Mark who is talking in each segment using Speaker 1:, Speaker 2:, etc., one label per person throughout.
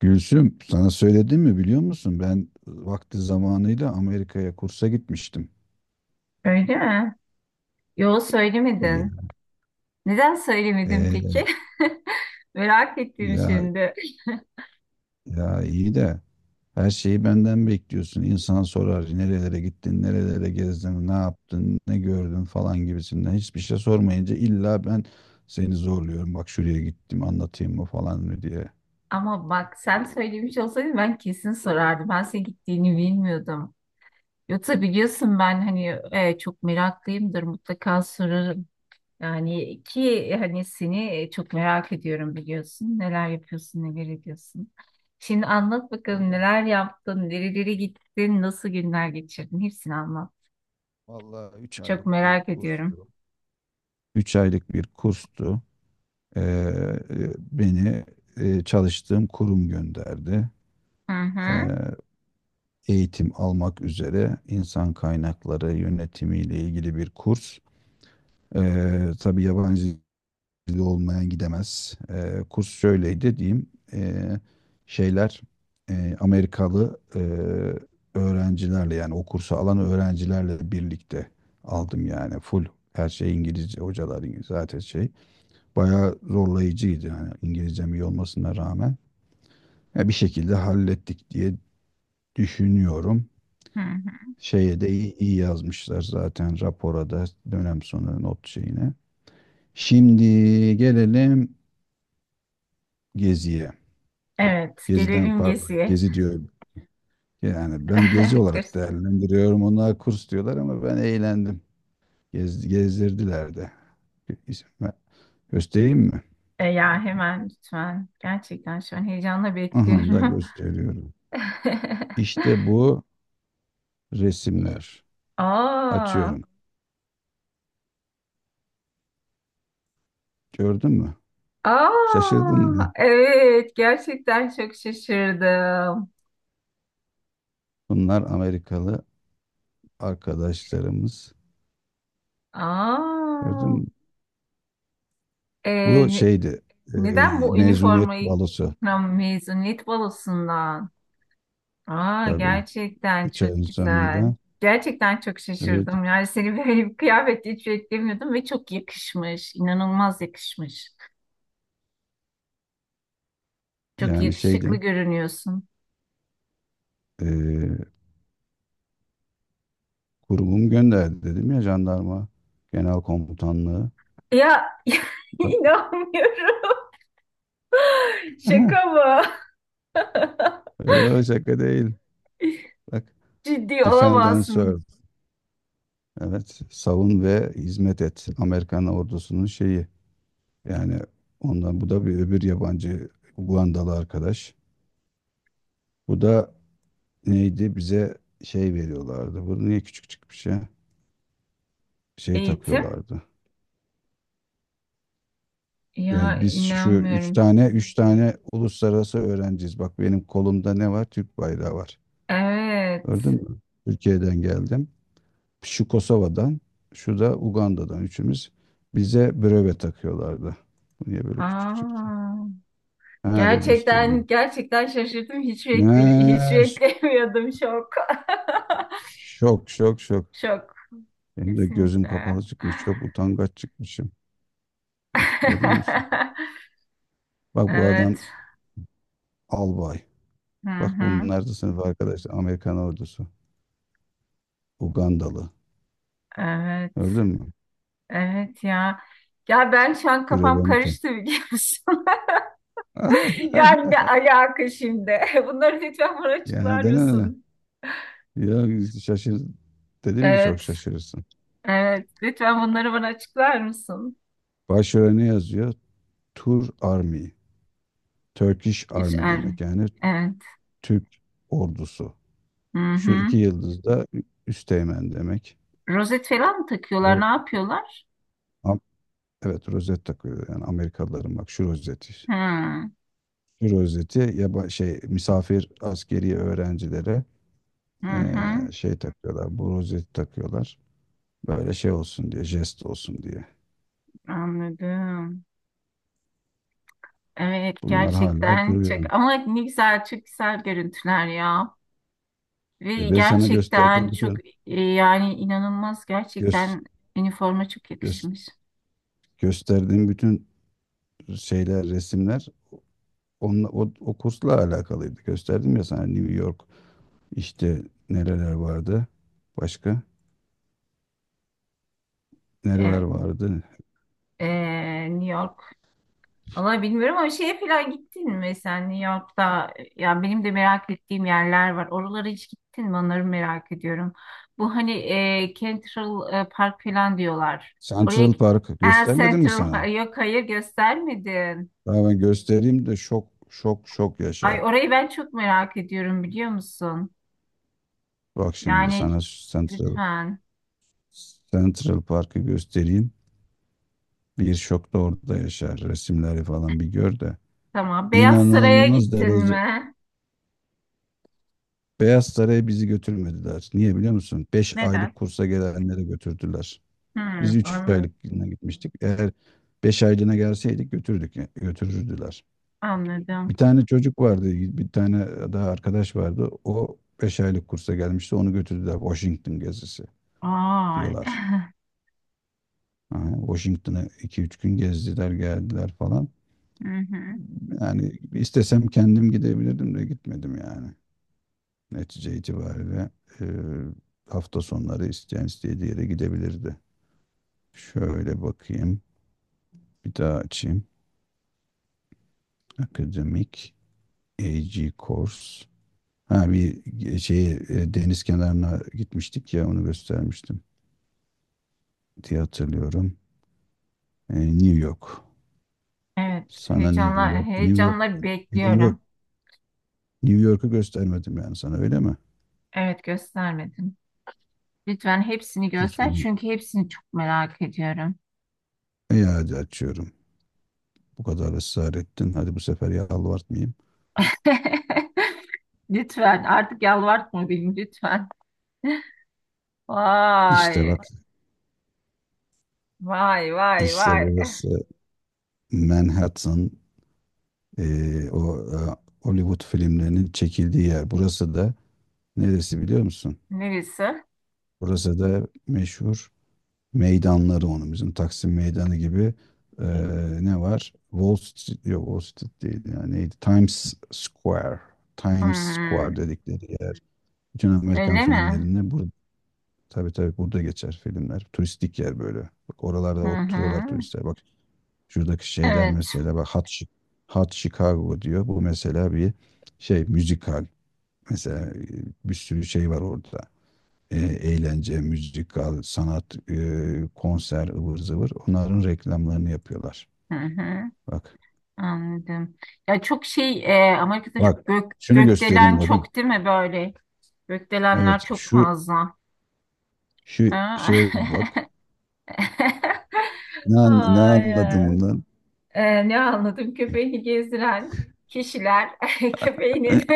Speaker 1: Gülsüm, sana söyledim mi biliyor musun? Ben vakti zamanıyla Amerika'ya kursa gitmiştim.
Speaker 2: Öyle mi? Yo
Speaker 1: Ya,
Speaker 2: söylemedin. Neden söylemedin
Speaker 1: e,
Speaker 2: peki? Merak ettim
Speaker 1: ya,
Speaker 2: şimdi.
Speaker 1: ya iyi de. Her şeyi benden bekliyorsun. İnsan sorar nerelere gittin, nerelere gezdin, ne yaptın, ne gördün falan gibisinden. Hiçbir şey sormayınca illa ben seni zorluyorum. Bak şuraya gittim anlatayım mı falan mı diye.
Speaker 2: Ama bak sen söylemiş olsaydın ben kesin sorardım. Ben senin gittiğini bilmiyordum. Yoksa biliyorsun ben hani çok meraklıyımdır mutlaka sorarım. Yani ki hani seni çok merak ediyorum biliyorsun. Neler yapıyorsun, neler ediyorsun. Şimdi anlat bakalım
Speaker 1: Vallahi,
Speaker 2: neler yaptın, nerelere gittin, nasıl günler geçirdin? Hepsini anlat.
Speaker 1: vallahi, 3
Speaker 2: Çok
Speaker 1: aylık bir
Speaker 2: merak ediyorum.
Speaker 1: kurstu. 3 aylık bir kurstu. Beni çalıştığım kurum gönderdi.
Speaker 2: Hı
Speaker 1: Ee,
Speaker 2: hı.
Speaker 1: Eğitim almak üzere insan kaynakları yönetimiyle ilgili bir kurs. Tabii yabancı dili olmayan gidemez. Kurs şöyleydi diyeyim. Ee, Şeyler Amerikalı öğrencilerle, yani o kursu alan öğrencilerle birlikte aldım. Yani full, her şey İngilizce, hocalar İngilizce zaten şey. Bayağı zorlayıcıydı yani, İngilizcem iyi olmasına rağmen. Ya bir şekilde hallettik diye düşünüyorum.
Speaker 2: Hı hı.
Speaker 1: Şeye de iyi, iyi yazmışlar zaten rapora da, dönem sonu not şeyine. Şimdi gelelim Gezi'ye.
Speaker 2: Evet,
Speaker 1: Gezi'den,
Speaker 2: gelelim
Speaker 1: pardon,
Speaker 2: Gezi'ye.
Speaker 1: Gezi diyorum. Yani ben Gezi olarak
Speaker 2: Kız-
Speaker 1: değerlendiriyorum. Onlar kurs diyorlar ama ben eğlendim. Gezdirdiler de. İsim ver- Göstereyim mi?
Speaker 2: E, ya hemen lütfen. Gerçekten şu an heyecanla
Speaker 1: Aha da
Speaker 2: bekliyorum.
Speaker 1: gösteriyorum. İşte bu
Speaker 2: E,
Speaker 1: resimler.
Speaker 2: Aa,
Speaker 1: Açıyorum. Gördün mü?
Speaker 2: aa,
Speaker 1: Şaşırdın mı?
Speaker 2: evet gerçekten çok şaşırdım.
Speaker 1: Bunlar Amerikalı arkadaşlarımız. Gördün
Speaker 2: Aa,
Speaker 1: mü?
Speaker 2: e,
Speaker 1: Bu
Speaker 2: ne-
Speaker 1: şeydi. e,
Speaker 2: neden bu
Speaker 1: Mezuniyet
Speaker 2: üniformayı.
Speaker 1: balosu
Speaker 2: Ha, mezuniyet balosundan? Aa,
Speaker 1: tabii.
Speaker 2: gerçekten
Speaker 1: 3 ayın
Speaker 2: çok güzel.
Speaker 1: sonunda.
Speaker 2: Gerçekten çok
Speaker 1: Evet,
Speaker 2: şaşırdım. Yani seni böyle bir kıyafette hiç beklemiyordum ve çok yakışmış. İnanılmaz yakışmış. Çok
Speaker 1: yani
Speaker 2: yakışıklı
Speaker 1: şeydim.
Speaker 2: görünüyorsun.
Speaker 1: e, Kurumum gönderdi dedim ya, jandarma genel komutanlığı.
Speaker 2: Ya
Speaker 1: Bak,
Speaker 2: inanmıyorum. Şaka mı?
Speaker 1: yok şaka değil. Bak,
Speaker 2: Ciddi
Speaker 1: Defend and
Speaker 2: olamazsın.
Speaker 1: Serve. Evet. Savun ve hizmet et. Amerikan ordusunun şeyi. Yani ondan, bu da bir öbür yabancı, Ugandalı arkadaş. Bu da neydi? Bize şey veriyorlardı. Bu niye küçük çıkmış ya? Şey
Speaker 2: Eğitim?
Speaker 1: takıyorlardı.
Speaker 2: Ya
Speaker 1: Yani biz şu üç
Speaker 2: inanmıyorum.
Speaker 1: tane, üç tane uluslararası öğrenciyiz. Bak, benim kolumda ne var? Türk bayrağı var.
Speaker 2: Evet.
Speaker 1: Gördün mü? Türkiye'den geldim. Şu Kosova'dan, şu da Uganda'dan, üçümüz. Bize breve takıyorlardı. Bu niye böyle küçük çıktı?
Speaker 2: Aa,
Speaker 1: Ha, dur
Speaker 2: gerçekten
Speaker 1: göstereyim.
Speaker 2: gerçekten şaşırdım.
Speaker 1: Ne?
Speaker 2: Hiç beklemiyordum. Şok.
Speaker 1: Şok, şok, şok.
Speaker 2: Şok.
Speaker 1: Benim de gözüm kapalı
Speaker 2: Kesinlikle.
Speaker 1: çıkmış. Çok utangaç çıkmışım. Bak, görüyor musun? Bak, bu adam
Speaker 2: Evet.
Speaker 1: albay.
Speaker 2: Hı
Speaker 1: Bak,
Speaker 2: hı.
Speaker 1: bunlar da sınıf arkadaşlar. Amerikan ordusu. Ugandalı.
Speaker 2: Evet.
Speaker 1: Gördün mü?
Speaker 2: Evet ya. Ya ben şu an kafam
Speaker 1: Brevenuta.
Speaker 2: karıştı biliyor musun? Yani ne alaka şimdi? Bunları lütfen bana
Speaker 1: Yani
Speaker 2: açıklar
Speaker 1: de ne?
Speaker 2: mısın?
Speaker 1: Ya şaşır. Dedim ya, çok
Speaker 2: Evet.
Speaker 1: şaşırırsın.
Speaker 2: Evet. Lütfen bunları bana açıklar mısın?
Speaker 1: Başörene ne yazıyor? Tur Army. Turkish
Speaker 2: Hiç
Speaker 1: Army
Speaker 2: er.
Speaker 1: demek. Yani
Speaker 2: Evet.
Speaker 1: Türk ordusu.
Speaker 2: Hı
Speaker 1: Şu
Speaker 2: hı.
Speaker 1: iki yıldız da üsteğmen demek.
Speaker 2: Rozet falan mı takıyorlar? Ne
Speaker 1: Evet.
Speaker 2: yapıyorlar?
Speaker 1: Am- Evet, rozet takıyor, yani Amerikalıların, bak şu rozeti.
Speaker 2: Hı
Speaker 1: Şu rozeti ya, şey, misafir askeri öğrencilere
Speaker 2: hı. Hı.
Speaker 1: Şey takıyorlar, bu rozeti takıyorlar. Böyle şey olsun diye, jest olsun diye.
Speaker 2: Anladım. Evet
Speaker 1: Bunlar hala
Speaker 2: gerçekten
Speaker 1: duruyor.
Speaker 2: çok ama ne güzel, çok güzel görüntüler ya, ve
Speaker 1: Ben sana
Speaker 2: gerçekten
Speaker 1: gösterdiğim
Speaker 2: çok,
Speaker 1: bütün
Speaker 2: yani inanılmaz,
Speaker 1: göz,
Speaker 2: gerçekten üniforma çok
Speaker 1: göz,
Speaker 2: yakışmış.
Speaker 1: gösterdiğim bütün şeyler, resimler onunla, o kursla alakalıydı. Gösterdim ya sana, New York, işte nereler vardı, başka nereler
Speaker 2: Evet,
Speaker 1: vardı.
Speaker 2: e, New York. Valla bilmiyorum ama şeye falan gittin mi sen New York'ta? Ya benim de merak ettiğim yerler var. Oralara hiç gittin mi? Onları merak ediyorum. Bu hani Central Park falan diyorlar. Oraya
Speaker 1: Central Park göstermedim mi
Speaker 2: Central
Speaker 1: sana?
Speaker 2: Park. Yok, hayır göstermedin.
Speaker 1: Daha ben göstereyim de şok şok şok
Speaker 2: Ay
Speaker 1: yaşa.
Speaker 2: orayı ben çok merak ediyorum biliyor musun?
Speaker 1: Bak şimdi
Speaker 2: Yani
Speaker 1: sana Central
Speaker 2: lütfen.
Speaker 1: Central Park'ı göstereyim. Bir şok da orada yaşar. Resimleri falan bir gör de.
Speaker 2: Tamam. Beyaz Saray'a
Speaker 1: İnanılmaz
Speaker 2: gittin
Speaker 1: derece.
Speaker 2: mi?
Speaker 1: Beyaz Saray'a bizi götürmediler. Niye biliyor musun? 5
Speaker 2: Neden?
Speaker 1: aylık kursa gelenleri götürdüler.
Speaker 2: Hmm,
Speaker 1: Biz üç
Speaker 2: anladım.
Speaker 1: aylığına gitmiştik. Eğer 5 aylığına gelseydik götürürdüler.
Speaker 2: Anladım.
Speaker 1: Bir tane çocuk vardı, bir tane daha arkadaş vardı. O 5 aylık kursa gelmişti. Onu götürdüler. Washington gezisi
Speaker 2: Ay.
Speaker 1: diyorlar. Ha, Washington'ı 2-3 gün gezdiler, geldiler falan.
Speaker 2: Hı hı.
Speaker 1: Yani istesem kendim gidebilirdim de gitmedim yani. Netice itibariyle, e, hafta sonları isteyen istediği yere gidebilirdi. Şöyle bakayım. Bir daha açayım. Akademik AG Course. Ha, şey, deniz kenarına gitmiştik ya, onu göstermiştim diye hatırlıyorum. New York.
Speaker 2: Evet,
Speaker 1: Sana
Speaker 2: heyecanla heyecanla
Speaker 1: New York,
Speaker 2: bekliyorum.
Speaker 1: New York'u göstermedim yani sana, öyle mi?
Speaker 2: Evet, göstermedim. Lütfen hepsini göster
Speaker 1: Uzun.
Speaker 2: çünkü hepsini çok merak ediyorum.
Speaker 1: Hadi açıyorum. Bu kadar ısrar ettin. Hadi bu sefer yalvartmayayım.
Speaker 2: Lütfen artık yalvartma beni lütfen.
Speaker 1: İşte
Speaker 2: Vay,
Speaker 1: bak,
Speaker 2: vay, vay,
Speaker 1: işte
Speaker 2: vay.
Speaker 1: burası Manhattan, o Hollywood filmlerinin çekildiği yer. Burası da neresi biliyor musun?
Speaker 2: Neresi?
Speaker 1: Burası da meşhur meydanları onun. Bizim Taksim Meydanı gibi, ne var? Wall Street, yok Wall Street değil. Yani neydi? Times Square. Times
Speaker 2: Hmm.
Speaker 1: Square dedikleri yer. Bütün Amerikan
Speaker 2: Öyle mi?
Speaker 1: filmlerinde. Tabii tabii, burada geçer filmler. Turistik yer böyle. Bak,
Speaker 2: Hı
Speaker 1: oralarda oturuyorlar
Speaker 2: hı.
Speaker 1: turistler. Bak, şuradaki şeyler
Speaker 2: Evet.
Speaker 1: mesela, bak, Hot Chicago diyor. Bu mesela bir şey, müzikal. Mesela, bir sürü şey var orada. Eğlence, müzikal, sanat, konser, ıvır zıvır. Onların reklamlarını yapıyorlar.
Speaker 2: Hı hı.
Speaker 1: Bak.
Speaker 2: Anladım. Ya çok şey, Amerika'da
Speaker 1: Bak. Şunu göstereyim,
Speaker 2: gökdelen
Speaker 1: bakın.
Speaker 2: çok değil mi böyle? Gökdelenler
Speaker 1: Evet,
Speaker 2: çok
Speaker 1: şu
Speaker 2: fazla.
Speaker 1: şu
Speaker 2: Ha?
Speaker 1: şeye bir bak. Ne anladım
Speaker 2: Ay,
Speaker 1: bundan?
Speaker 2: ne anladım, köpeğini gezdiren kişiler köpeğini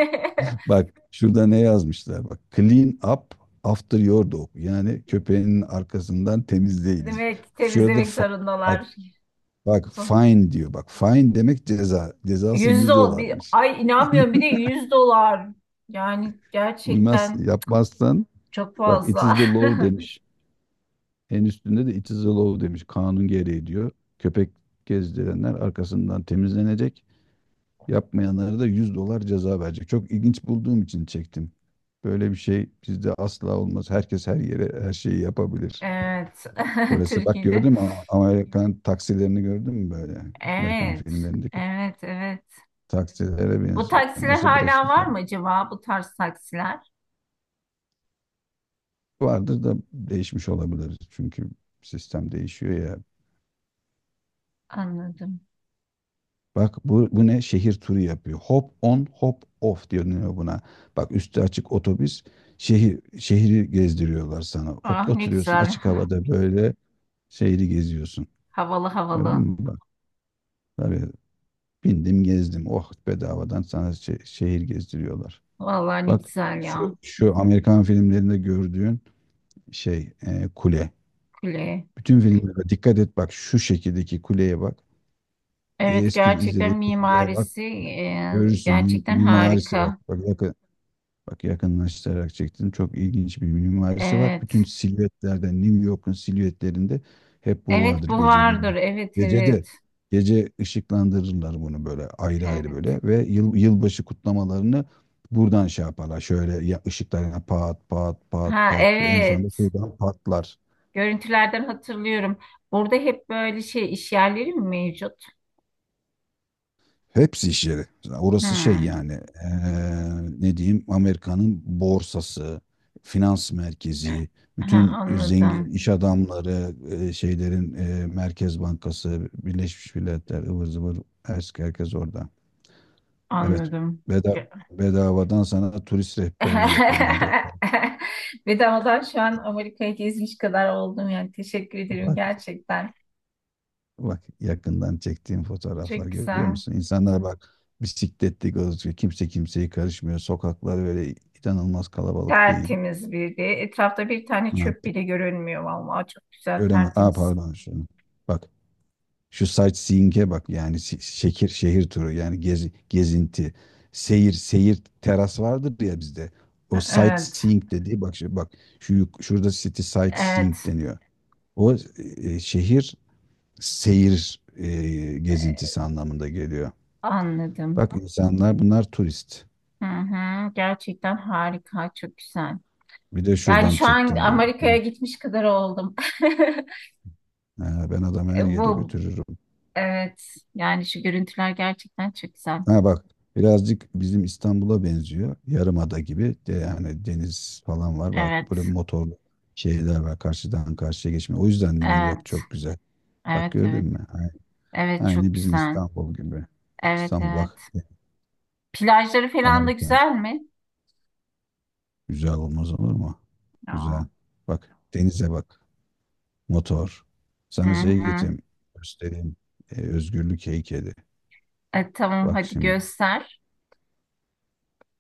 Speaker 1: Bak şurada ne yazmışlar, bak. Clean up after your dog. Yani, köpeğinin arkasından temizleyiniz.
Speaker 2: demek
Speaker 1: Şurada
Speaker 2: temizlemek
Speaker 1: bak
Speaker 2: zorundalar.
Speaker 1: bak fine diyor. Bak, fine demek ceza. Cezası
Speaker 2: Yüz
Speaker 1: 100
Speaker 2: dolar.
Speaker 1: dolarmış.
Speaker 2: Ay inanmıyorum, bir de 100 dolar. Yani
Speaker 1: Uymaz
Speaker 2: gerçekten
Speaker 1: yapmazsan,
Speaker 2: çok
Speaker 1: bak, it is
Speaker 2: fazla.
Speaker 1: the law demiş. En üstünde de it is the law demiş. Kanun gereği diyor. Köpek gezdirenler arkasından temizlenecek. Yapmayanlara da 100 dolar ceza verecek. Çok ilginç bulduğum için çektim. Böyle bir şey bizde asla olmaz. Herkes her yere her şeyi yapabilir.
Speaker 2: Evet.
Speaker 1: Burası bak,
Speaker 2: Türkiye'de.
Speaker 1: gördün mü? Amerikan taksilerini gördün mü böyle? Amerikan
Speaker 2: Evet.
Speaker 1: filmlerindeki
Speaker 2: Evet, evet.
Speaker 1: taksilere
Speaker 2: Bu
Speaker 1: benziyor.
Speaker 2: taksiler
Speaker 1: Nasıl, burası
Speaker 2: hala var
Speaker 1: güzel?
Speaker 2: mı acaba? Bu tarz taksiler.
Speaker 1: Vardır da değişmiş olabilir. Çünkü sistem değişiyor ya.
Speaker 2: Anladım.
Speaker 1: Bak bu ne? Şehir turu yapıyor. Hop on hop off deniyor buna. Bak, üstü açık otobüs şehri gezdiriyorlar sana.
Speaker 2: Ah ne
Speaker 1: Oturuyorsun
Speaker 2: güzel.
Speaker 1: açık havada böyle, şehri geziyorsun.
Speaker 2: Havalı
Speaker 1: Gördün
Speaker 2: havalı.
Speaker 1: mü? Bak, tabii bindim gezdim. Oh, bedavadan sana şehir gezdiriyorlar.
Speaker 2: Vallahi ne
Speaker 1: Bak,
Speaker 2: güzel
Speaker 1: şu
Speaker 2: ya.
Speaker 1: şu Amerikan filmlerinde gördüğün şey, kule.
Speaker 2: Kule.
Speaker 1: Bütün filmlere dikkat et, bak şu şekildeki kuleye bak.
Speaker 2: Evet
Speaker 1: Eski
Speaker 2: gerçekten
Speaker 1: izlediğin filmlere bak.
Speaker 2: mimarisi,
Speaker 1: Görürsün,
Speaker 2: gerçekten
Speaker 1: mimarisi, bak.
Speaker 2: harika.
Speaker 1: Bak yakınlaştırarak çektim. Çok ilginç bir mimarisi var.
Speaker 2: Evet.
Speaker 1: Bütün silüetlerde, New York'un silüetlerinde hep bu
Speaker 2: Evet
Speaker 1: vardır,
Speaker 2: bu
Speaker 1: gece
Speaker 2: vardır.
Speaker 1: gündüz.
Speaker 2: Evet
Speaker 1: Gecede,
Speaker 2: evet.
Speaker 1: Gece ışıklandırırlar bunu böyle ayrı ayrı
Speaker 2: Evet.
Speaker 1: böyle ve yılbaşı kutlamalarını buradan şey yaparlar. Şöyle ya, ışıklarına pat pat pat
Speaker 2: Ha
Speaker 1: pat, en sonunda
Speaker 2: evet.
Speaker 1: şuradan patlar.
Speaker 2: Görüntülerden hatırlıyorum. Burada hep böyle şey, iş yerleri mi mevcut?
Speaker 1: Hepsi iş yeri. Orası şey
Speaker 2: Hmm.
Speaker 1: yani, eee, ne diyeyim, Amerika'nın borsası, finans merkezi,
Speaker 2: Ha,
Speaker 1: bütün zengin
Speaker 2: anladım.
Speaker 1: iş adamları, şeylerin, Merkez Bankası, Birleşmiş Milletler, ıvır zıvır, herkes orada. Evet,
Speaker 2: Anladım.
Speaker 1: beda,
Speaker 2: Gö-
Speaker 1: bedavadan sana turist rehberliği yapıyorum. Hadi bakalım.
Speaker 2: Bedavadan şu an Amerika'yı gezmiş kadar oldum yani. Teşekkür ederim
Speaker 1: Bak,
Speaker 2: gerçekten.
Speaker 1: bak, yakından çektiğim fotoğraflar,
Speaker 2: Çok
Speaker 1: görüyor
Speaker 2: güzel.
Speaker 1: musun? İnsanlar bak, bisikletli gözüküyor. Kimse kimseye karışmıyor. Sokaklar böyle inanılmaz kalabalık değil.
Speaker 2: Tertemiz bir de. Etrafta bir tane çöp bile görünmüyor vallahi. Çok güzel,
Speaker 1: Göremez. Aa,
Speaker 2: tertemiz.
Speaker 1: pardon. Şunu. Bak şu sightseeing'e bak, yani şehir turu, yani gezi, gezinti. Seyir teras vardır ya bizde. O
Speaker 2: Evet.
Speaker 1: sightseeing dediği, bak şu, bak şurada city
Speaker 2: Evet.
Speaker 1: sightseeing deniyor. O, şehir seyir, gezintisi anlamında geliyor.
Speaker 2: Anladım.
Speaker 1: Bak, insanlar, bunlar turist.
Speaker 2: Hı hı. Gerçekten harika. Çok güzel.
Speaker 1: Bir de
Speaker 2: Yani
Speaker 1: şuradan
Speaker 2: şu an
Speaker 1: çektim bu.
Speaker 2: Amerika'ya gitmiş kadar oldum.
Speaker 1: Ha, ben adamı her yere
Speaker 2: Bu
Speaker 1: götürürüm.
Speaker 2: evet, yani şu görüntüler gerçekten çok güzel.
Speaker 1: Ha bak, birazcık bizim İstanbul'a benziyor. Yarımada gibi de, yani deniz falan var. Bak, böyle
Speaker 2: Evet.
Speaker 1: motorlu şeyler var. Karşıdan karşıya geçme. O yüzden nehir yok,
Speaker 2: Evet.
Speaker 1: çok güzel. Bak,
Speaker 2: Evet
Speaker 1: gördün
Speaker 2: evet.
Speaker 1: mü?
Speaker 2: Evet çok
Speaker 1: Aynı bizim
Speaker 2: güzel.
Speaker 1: İstanbul gibi.
Speaker 2: Evet
Speaker 1: İstanbul bak
Speaker 2: evet. Plajları falan da
Speaker 1: harika.
Speaker 2: güzel mi?
Speaker 1: Güzel olmaz olur mu?
Speaker 2: Aa,
Speaker 1: Güzel. Bak denize bak. Motor.
Speaker 2: hı
Speaker 1: Sana şey
Speaker 2: hı.
Speaker 1: getireyim. Göstereyim. Özgürlük heykeli.
Speaker 2: E, tamam
Speaker 1: Bak
Speaker 2: hadi
Speaker 1: şimdi.
Speaker 2: göster.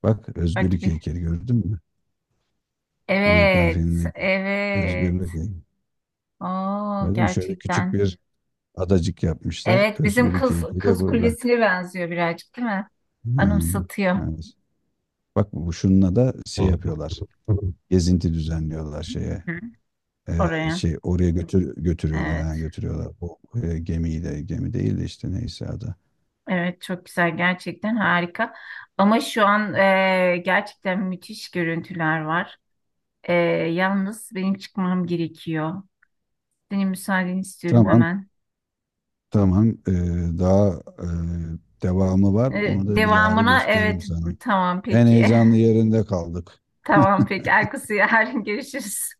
Speaker 1: Bak,
Speaker 2: Hadi
Speaker 1: özgürlük
Speaker 2: bir.
Speaker 1: heykeli gördün mü? Amerikan
Speaker 2: Evet.
Speaker 1: filmindeki
Speaker 2: Evet.
Speaker 1: özgürlük heykeli. Öyle
Speaker 2: Oo
Speaker 1: değil mi? Şöyle küçük
Speaker 2: gerçekten.
Speaker 1: bir adacık yapmışlar.
Speaker 2: Evet bizim
Speaker 1: Özgürlük
Speaker 2: kız
Speaker 1: heykeli de
Speaker 2: kız
Speaker 1: burada.
Speaker 2: kulesine benziyor birazcık değil mi?
Speaker 1: Ha,
Speaker 2: Anımsatıyor.
Speaker 1: evet. Bak bu şununla da şey yapıyorlar. Gezinti düzenliyorlar şeye.
Speaker 2: Hı, oraya.
Speaker 1: Şey oraya götürüyorlar. Ha,
Speaker 2: Evet.
Speaker 1: götürüyorlar. O, gemiyi de, gemi değil de, işte neyse adı.
Speaker 2: Evet çok güzel, gerçekten harika ama şu an, gerçekten müthiş görüntüler var. E, Yalnız benim çıkmam gerekiyor. Senin müsaadeni istiyorum
Speaker 1: Tamam
Speaker 2: hemen.
Speaker 1: tamam. Daha, e, devamı var. Onu da bilahare
Speaker 2: Devamına
Speaker 1: gösteririm
Speaker 2: evet,
Speaker 1: sana.
Speaker 2: tamam
Speaker 1: En
Speaker 2: peki.
Speaker 1: heyecanlı yerinde kaldık.
Speaker 2: Tamam peki, Erkus'u yarın görüşürüz.